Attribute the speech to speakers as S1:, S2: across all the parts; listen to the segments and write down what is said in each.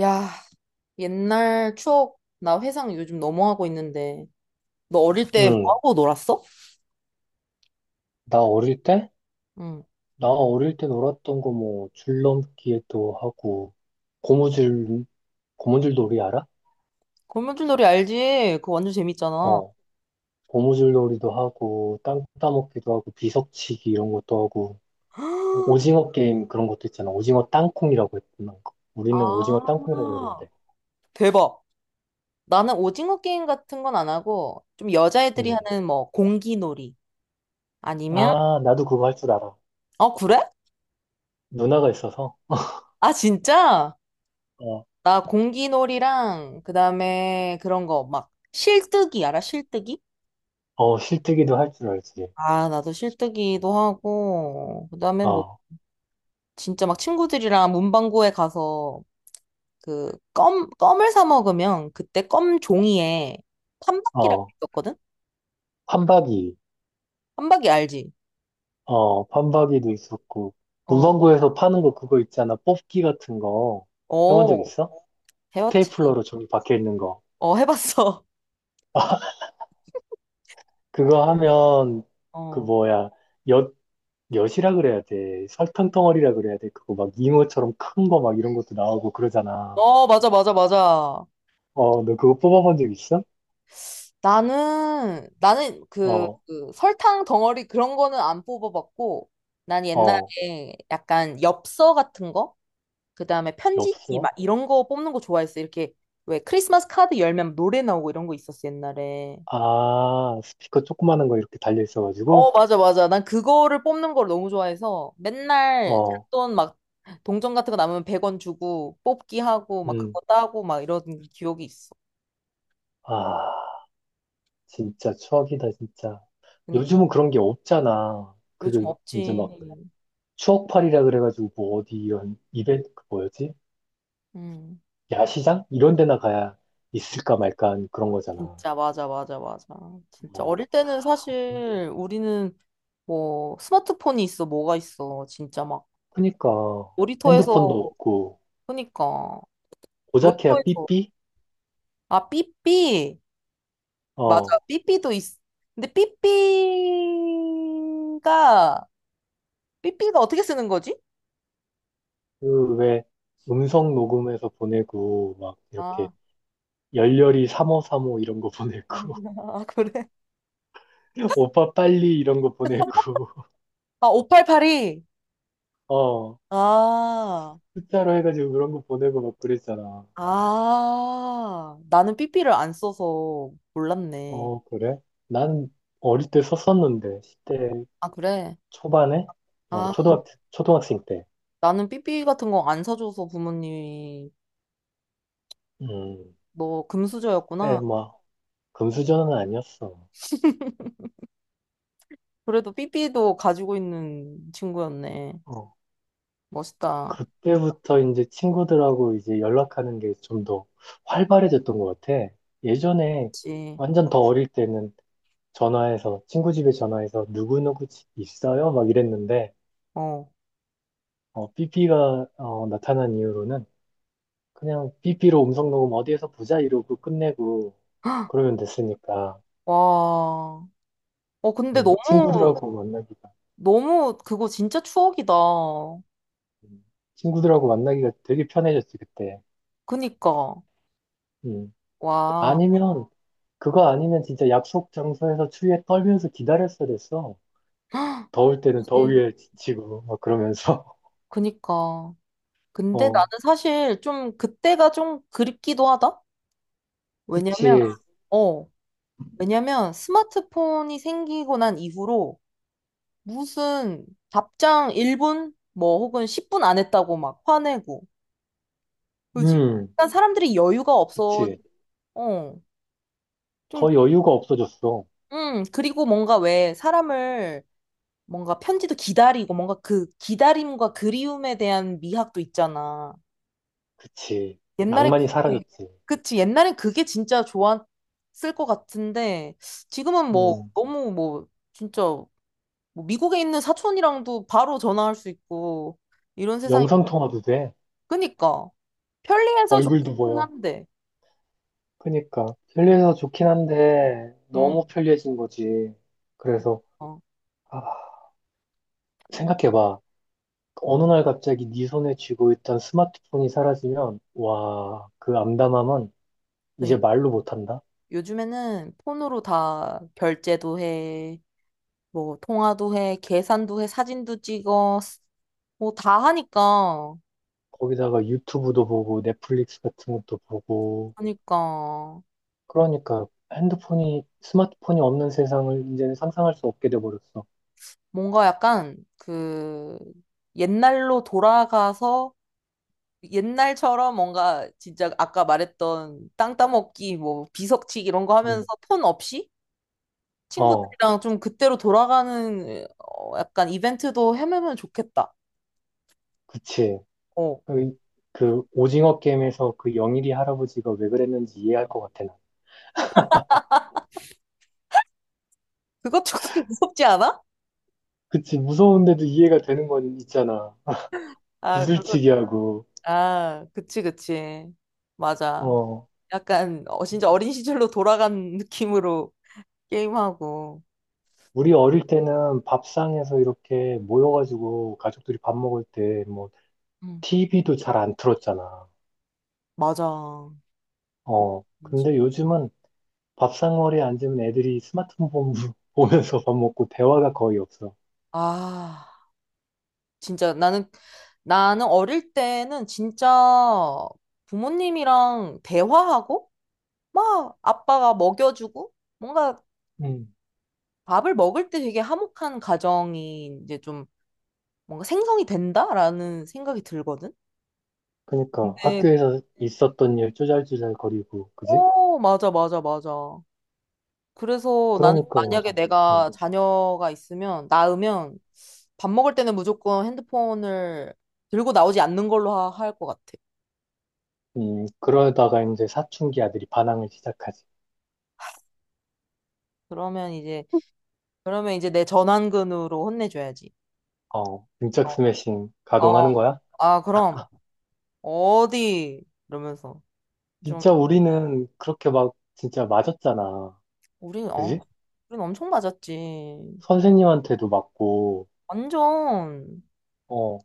S1: 야, 옛날 추억, 나 회상 요즘 너무 하고 있는데. 너 어릴 때 뭐
S2: 응,
S1: 하고 놀았어?
S2: 나 어릴 때?
S1: 응.
S2: 나 어릴 때 놀았던 거 뭐, 줄넘기도 하고, 고무줄, 고무줄 놀이 알아?
S1: 거미줄 놀이 알지? 그거 완전 재밌잖아.
S2: 어, 고무줄 놀이도 하고, 땅 따먹기도 하고, 비석치기 이런 것도 하고, 오징어 게임 그런 것도 있잖아. 오징어 땅콩이라고 했던 거. 우리는
S1: 아,
S2: 오징어 땅콩이라고 했는데.
S1: 대박. 나는 오징어 게임 같은 건 안 하고, 좀 여자애들이
S2: 응.
S1: 하는 뭐, 공기놀이. 아니면,
S2: 아, 나도 그거 할 줄 알아.
S1: 어, 그래?
S2: 누나가 있어서,
S1: 아, 진짜?
S2: 어,
S1: 나 공기놀이랑, 그 다음에 그런 거, 막, 실뜨기, 알아? 실뜨기?
S2: 어, 실뜨기도 할 줄 알지.
S1: 아, 나도 실뜨기도 하고, 그 다음에 뭐,
S2: 어,
S1: 진짜 막 친구들이랑 문방구에 가서 그 껌, 껌을 사 먹으면 그때 껌 종이에 판박기라고
S2: 어,
S1: 있었거든?
S2: 판박이.
S1: 판박기 알지?
S2: 어, 판박이도 있었고.
S1: 어,
S2: 문방구에서 파는 거 그거 있잖아. 뽑기 같은 거. 해본 적
S1: 어,
S2: 있어?
S1: 해봤지.
S2: 스테이플러로 종이 박혀 있는 거.
S1: 어, 해봤어.
S2: 그거 하면, 그
S1: 어,
S2: 뭐야, 엿, 엿이라 그래야 돼. 설탕 덩어리라 그래야 돼. 그거 막 잉어처럼 큰 거 막 이런 것도 나오고 그러잖아.
S1: 어, 맞아, 맞아, 맞아.
S2: 어, 너 그거 뽑아본 적 있어?
S1: 나는 그,
S2: 어,
S1: 그 설탕 덩어리 그런 거는 안 뽑아봤고, 난 옛날에
S2: 어,
S1: 약간 엽서 같은 거? 그 다음에 편지지
S2: 없어?
S1: 막 이런 거 뽑는 거 좋아했어. 이렇게 왜 크리스마스 카드 열면 노래 나오고 이런 거 있었어, 옛날에.
S2: 아, 스피커 조그마한 거 이렇게 달려
S1: 어,
S2: 있어가지고?
S1: 맞아, 맞아. 난 그거를 뽑는 걸 너무 좋아해서 맨날
S2: 어,
S1: 잔돈 막 동전 같은 거 남으면 100원 주고 뽑기 하고 막
S2: 음,
S1: 그거 따고 막 이런 기억이 있어.
S2: 아. 진짜 추억이다, 진짜.
S1: 그러니까
S2: 요즘은 그런 게 없잖아.
S1: 요즘
S2: 그, 이제
S1: 없지.
S2: 막, 추억팔이라 그래가지고, 뭐, 어디, 이런, 이벤트, 그 뭐였지?
S1: 음,
S2: 야시장? 이런 데나 가야 있을까 말까 한 그런 거잖아.
S1: 진짜 맞아, 맞아, 맞아. 진짜
S2: 어.
S1: 어릴 때는 사실 우리는 뭐 스마트폰이 있어, 뭐가 있어. 진짜 막
S2: 그니까,
S1: 놀이터에서
S2: 핸드폰도 없고,
S1: 그러니까
S2: 고작해야
S1: 놀이터에서
S2: 삐삐?
S1: 아, 삐삐. 맞아.
S2: 어,
S1: 삐삐도 있어. 근데 삐삐가 어떻게 쓰는 거지?
S2: 그, 왜, 음성 녹음해서 보내고, 막, 이렇게,
S1: 아,
S2: 열렬히 3535 이런 거 보내고,
S1: 아 그래.
S2: 오빠 빨리 이런 거 보내고,
S1: 아, 588이.
S2: 어,
S1: 아,
S2: 숫자로 해가지고 그런 거 보내고 막 그랬잖아.
S1: 아. 나는 삐삐를 안 써서 몰랐네.
S2: 어, 그래? 난 어릴 때 썼었는데, 10대
S1: 아, 그래?
S2: 초반에? 어,
S1: 아,
S2: 초등학, 초등학생 때.
S1: 나는 삐삐 같은 거 안 사줘서 부모님이
S2: 음,
S1: 너
S2: 그래,
S1: 금수저였구나.
S2: 뭐, 금수저는 아니었어.
S1: 그래도 삐삐도 가지고 있는 친구였네.
S2: 어,
S1: 멋있다.
S2: 그때부터 이제 친구들하고 이제 연락하는 게 좀 더 활발해졌던 것 같아. 예전에
S1: 그치.
S2: 완전 더 어릴 때는 전화해서, 친구 집에 전화해서 누구누구 집 있어요? 막 이랬는데,
S1: 어.
S2: 어, 삐삐가 어, 나타난 이후로는 그냥 비 p 로 음성 녹음 어디에서 보자 이러고 끝내고
S1: 헉,
S2: 그러면 됐으니까
S1: 와. 어, 근데
S2: 음,
S1: 너무,
S2: 친구들하고 만나기가
S1: 너무 그거 진짜 추억이다.
S2: 음, 친구들하고 만나기가 되게 편해졌지 그때.
S1: 그니까.
S2: 음.
S1: 와.
S2: 아니면 그거 아니면 진짜 약속 장소에서 추위에 떨면서 기다렸어야 됐어. 더울 때는
S1: 그치.
S2: 더위에 지치고 막 그러면서
S1: 그니까. 근데 나는
S2: 어,
S1: 사실 좀 그때가 좀 그립기도 하다? 왜냐면,
S2: 그치.
S1: 어, 왜냐면 스마트폰이 생기고 난 이후로 무슨 답장 1분, 뭐 혹은 10분 안 했다고 막 화내고, 그지?
S2: 음,
S1: 약간 사람들이 여유가 없어,
S2: 그치,
S1: 어, 좀,
S2: 더 여유가 없어졌어.
S1: 그리고 뭔가 왜 사람을 뭔가 편지도 기다리고 뭔가 그 기다림과 그리움에 대한 미학도 있잖아.
S2: 그치,
S1: 옛날엔
S2: 낭만이
S1: 그게-
S2: 사라졌지.
S1: 그치 옛날엔 그게 진짜 좋았을 것 같은데 지금은 뭐
S2: 음,
S1: 너무 뭐 진짜 뭐 미국에 있는 사촌이랑도 바로 전화할 수 있고 이런 세상이
S2: 영상 통화도 돼.
S1: 그니까 편리해서
S2: 얼굴도
S1: 좋긴
S2: 보여.
S1: 한데
S2: 그니까
S1: 음,
S2: 편리해서 좋긴 한데
S1: 음,
S2: 너무 편리해진 거지. 그래서
S1: 어,
S2: 아, 생각해봐. 어느 날 갑자기 네 손에 쥐고 있던 스마트폰이 사라지면 와, 그 암담함은 이제
S1: 그니까
S2: 말로 못한다.
S1: 요즘에는 폰으로 다 결제도 해 뭐 통화도 해 계산도 해 사진도 찍어 뭐 다 하니까
S2: 거기다가 유튜브도 보고 넷플릭스 같은 것도 보고
S1: 그니까
S2: 그러니까 핸드폰이 스마트폰이 없는 세상을 이제는 상상할 수 없게 돼버렸어.
S1: 뭔가 약간 그 옛날로 돌아가서 옛날처럼 뭔가 진짜 아까 말했던 땅 따먹기 뭐 비석치기 이런 거
S2: 응.
S1: 하면서 폰 없이
S2: 어,
S1: 친구들이랑 좀 그때로 돌아가는 어, 약간 이벤트도 해매면 좋겠다.
S2: 그치.
S1: 어.
S2: 그, 그 오징어 게임에서 그 영일이 할아버지가 왜 그랬는지 이해할 것 같아, 나.
S1: 그거 조금 무섭지 않아?
S2: 그치, 무서운데도 이해가 되는 건 있잖아.
S1: 아, 그거,
S2: 구슬치기하고.
S1: 아, 그치, 그치. 맞아.
S2: 어,
S1: 약간 어, 진짜 어린 시절로 돌아간 느낌으로 게임하고.
S2: 우리 어릴 때는 밥상에서 이렇게 모여가지고 가족들이 밥 먹을 때 뭐,
S1: 음,
S2: TV도 잘 안 틀었잖아.
S1: 맞아. 오,
S2: 어,
S1: 진짜.
S2: 근데 요즘은 밥상머리에 앉으면 애들이 스마트폰 보면- 보면서 밥 먹고 대화가 거의 없어.
S1: 아. 진짜 나는 어릴 때는 진짜 부모님이랑 대화하고 막 아빠가 먹여주고 뭔가
S2: 음.
S1: 밥을 먹을 때 되게 화목한 가정이 이제 좀 뭔가 생성이 된다라는 생각이 들거든.
S2: 그러니까
S1: 근데
S2: 학교에서 있었던 일 쪼잘쪼잘거리고, 그지?
S1: 어 맞아 맞아 맞아. 그래서 나는
S2: 그러니까
S1: 만약에
S2: 이제, 음,
S1: 내가 자녀가 있으면 낳으면 밥 먹을 때는 무조건 핸드폰을 들고 나오지 않는 걸로 할 것 같아.
S2: 그러다가 이제 사춘기 아들이 반항을 시작하지.
S1: 그러면 이제 그러면 이제 내 전완근으로 혼내줘야지.
S2: 어, 등짝 스매싱
S1: 어, 어,
S2: 가동하는 거야?
S1: 아, 그럼, 어디? 이러면서. 좀,
S2: 진짜 우리는 그렇게 막 진짜 맞았잖아.
S1: 우린, 어,
S2: 그지?
S1: 우린 엄청 맞았지.
S2: 선생님한테도 맞고,
S1: 완전,
S2: 어,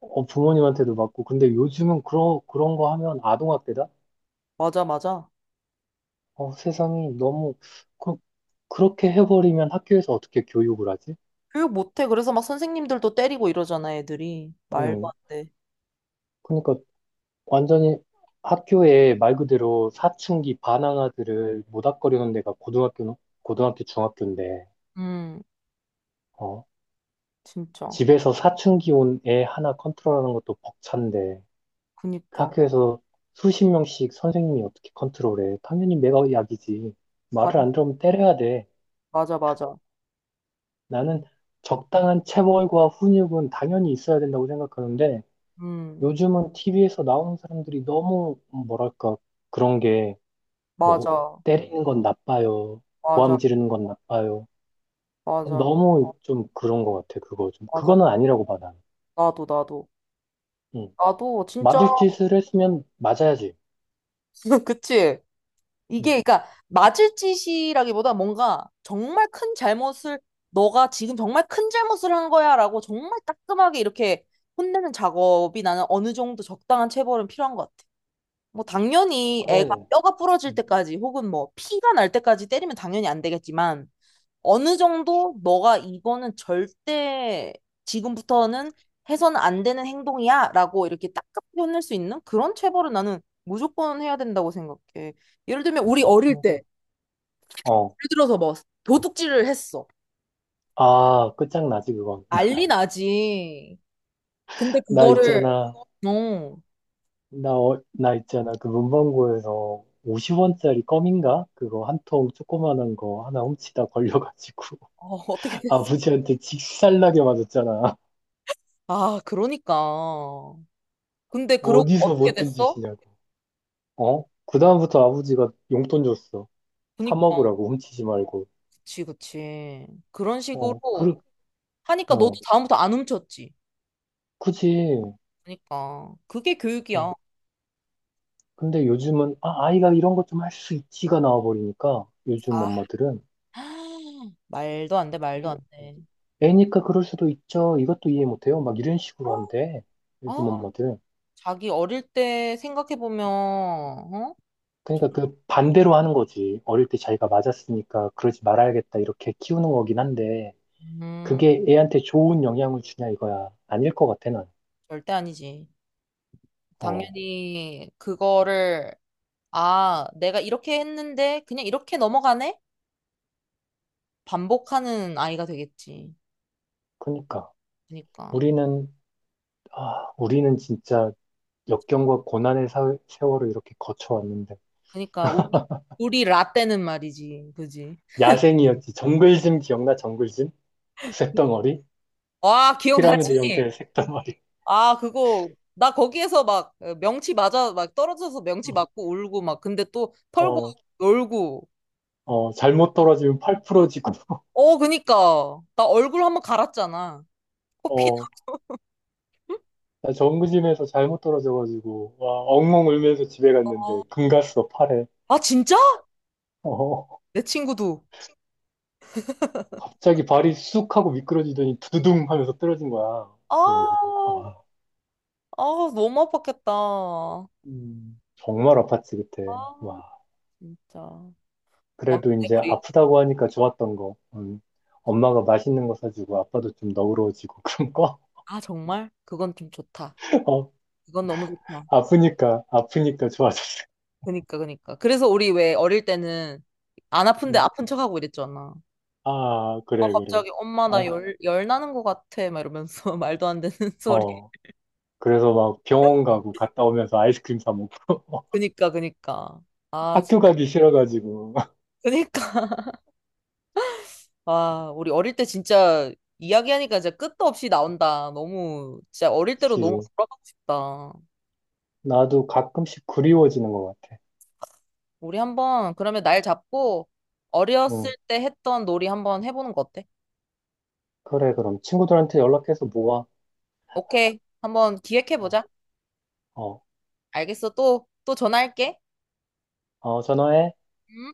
S2: 어, 부모님한테도 맞고. 근데 요즘은 그런 거 하면 아동학대다?
S1: 맞아, 맞아.
S2: 어, 세상이 너무, 그, 그렇게 해버리면 학교에서 어떻게 교육을 하지?
S1: 교육 못해. 그래서 막 선생님들도 때리고 이러잖아, 애들이. 말도
S2: 음,
S1: 안 돼.
S2: 그러니까 완전히 학교에 말 그대로 사춘기 반항아들을 모닥거리는 데가 고등학교, 중학교인데,
S1: 음,
S2: 어,
S1: 진짜.
S2: 집에서 사춘기 온 애 하나 컨트롤하는 것도 벅찬데 그
S1: 그니까.
S2: 학교에서 수십 명씩 선생님이 어떻게 컨트롤해? 당연히 내가 약이지. 말을
S1: 완-
S2: 안 들으면 때려야 돼.
S1: 맞아, 맞아.
S2: 나는 적당한 체벌과 훈육은 당연히 있어야 된다고 생각하는데
S1: 음,
S2: 요즘은 TV에서 나오는 사람들이 너무 뭐랄까 그런 게 뭐
S1: 맞아,
S2: 때리는 건 나빠요.
S1: 맞아,
S2: 고함 지르는 건 나빠요.
S1: 맞아,
S2: 너무 좀 그런 것 같아. 그거 좀
S1: 맞아.
S2: 그거는 아니라고 봐 나는.
S1: 나도, 나도.
S2: 응.
S1: 나도, 진짜.
S2: 맞을 짓을 했으면 맞아야지.
S1: 그치?
S2: 응.
S1: 이게 그러니까 맞을 짓이라기보다 뭔가 정말 큰 잘못을 너가 지금 정말 큰 잘못을 한 거야라고 정말 따끔하게 이렇게 혼내는 작업이 나는 어느 정도 적당한 체벌은 필요한 것 같아. 뭐 당연히 애가
S2: 그래.
S1: 뼈가 부러질
S2: 음.
S1: 때까지 혹은 뭐 피가 날 때까지 때리면 당연히 안 되겠지만 어느 정도 너가 이거는 절대 지금부터는 해서는 안 되는 행동이야 라고 이렇게 딱게현낼수 있는 그런 체벌은 나는 무조건 해야 된다고 생각해. 예를 들면 우리 어릴 때
S2: 그러니까.
S1: 예를
S2: 어.
S1: 들어서 뭐 도둑질을 했어.
S2: 아, 끝장나지, 그건.
S1: 난리 나지. 근데
S2: 나
S1: 그거를
S2: 있잖아.
S1: 어,
S2: 나, 어, 나 있잖아. 그 문방구에서 50원짜리 껌인가? 그거 한 통 조그만한 거 하나 훔치다 걸려가지고.
S1: 어 어떻게 됐어?
S2: 아버지한테 직살나게 맞았잖아.
S1: 아 그러니까. 근데 그러고
S2: 어디서
S1: 어떻게
S2: 못된
S1: 됐어?
S2: 짓이냐고. 어? 그다음부터 아버지가 용돈 줬어. 사
S1: 그니까
S2: 먹으라고, 훔치지 말고.
S1: 그치 그치. 그런 식으로
S2: 어, 그,
S1: 하니까 너도
S2: 어,
S1: 다음부터 안 훔쳤지.
S2: 그지.
S1: 그러니까 그게 교육이야.
S2: 어. 근데 요즘은, 아, 아이가 이런 것 좀 할 수 있지가 나와버리니까, 요즘
S1: 아,
S2: 엄마들은.
S1: 말도 안 돼, 말도 안 돼.
S2: 애니까 그럴 수도 있죠. 이것도 이해 못해요. 막 이런 식으로 한대. 요즘
S1: 어,
S2: 엄마들.
S1: 자기 어릴 때 생각해 보면, 어?
S2: 그러니까 그 반대로 하는 거지. 어릴 때 자기가 맞았으니까 그러지 말아야겠다. 이렇게 키우는 거긴 한데,
S1: 음,
S2: 그게 애한테 좋은 영향을 주냐 이거야. 아닐 것 같아, 난.
S1: 절대 아니지.
S2: 어,
S1: 당연히 그거를 아, 내가 이렇게 했는데 그냥 이렇게 넘어가네? 반복하는 아이가 되겠지.
S2: 그러니까.
S1: 그러니까,
S2: 우리는, 아, 우리는 진짜 역경과 고난의 세월을 이렇게 거쳐왔는데.
S1: 그러니까 우리 라떼는 말이지, 그지?
S2: 야생이었지. 정글짐 기억나? 정글짐? 그 색덩어리?
S1: 와,
S2: 피라미드 어?
S1: 기억나지?
S2: 형태의 색덩어리.
S1: 아, 그거, 나 거기에서 막 어, 명치 맞아, 막 떨어져서 명치
S2: 어,
S1: 맞고 울고 막, 근데 또 털고
S2: 어,
S1: 놀고.
S2: 어, 잘못 떨어지면 팔 부러지고.
S1: 어, 그니까. 나 얼굴 한번 갈았잖아. 코피
S2: 어, 나 정규짐에서 잘못 떨어져가지고, 와, 엉엉 울면서 집에
S1: 나.
S2: 갔는데, 금갔어, 팔에.
S1: 아, 진짜?
S2: 어,
S1: 내 친구도.
S2: 갑자기 발이 쑥 하고 미끄러지더니 두두둥 하면서 떨어진 거야.
S1: 아,
S2: 그래가지고,
S1: 아,
S2: 아,
S1: 너무 아팠겠다.
S2: 정말 아팠지, 그때. 와,
S1: 아, 진짜. 와,
S2: 그래도
S1: 근데
S2: 이제
S1: 우리,
S2: 아프다고 하니까 좋았던 거. 엄마가 맛있는 거 사주고, 아빠도 좀 너그러워지고, 그런 거.
S1: 아, 정말? 그건 좀 좋다.
S2: 어,
S1: 그건 너무 좋다.
S2: 아프니까, 아프니까 좋아졌어.
S1: 그니까, 그니까. 그래서 우리 왜 어릴 때는 안 아픈데
S2: 음,
S1: 아픈 척하고 이랬잖아.
S2: 아,
S1: 어,
S2: 그래, 그래.
S1: 갑자기 엄마 나
S2: 아,
S1: 열, 열 나는 것 같아 막 이러면서 말도 안 되는 소리.
S2: 어. 그래서 막 병원 가고 갔다 오면서 아이스크림 사 먹고.
S1: 그니까 그니까. 아
S2: 학교
S1: 진짜
S2: 가기 싫어가지고.
S1: 그니까. 와 우리 어릴 때 진짜 이야기하니까 진짜 끝도 없이 나온다. 너무 진짜 어릴 때로 너무
S2: 그치.
S1: 돌아가고 싶다.
S2: 나도 가끔씩 그리워지는 것 같아.
S1: 우리 한번 그러면 날 잡고
S2: 응.
S1: 어렸을 때 했던 놀이 한번 해보는 거 어때?
S2: 그래, 그럼 친구들한테 연락해서 모아.
S1: 오케이 한번
S2: 어,
S1: 기획해보자.
S2: 어,
S1: 알겠어 또 또 전화할게.
S2: 어, 전화해.
S1: 음.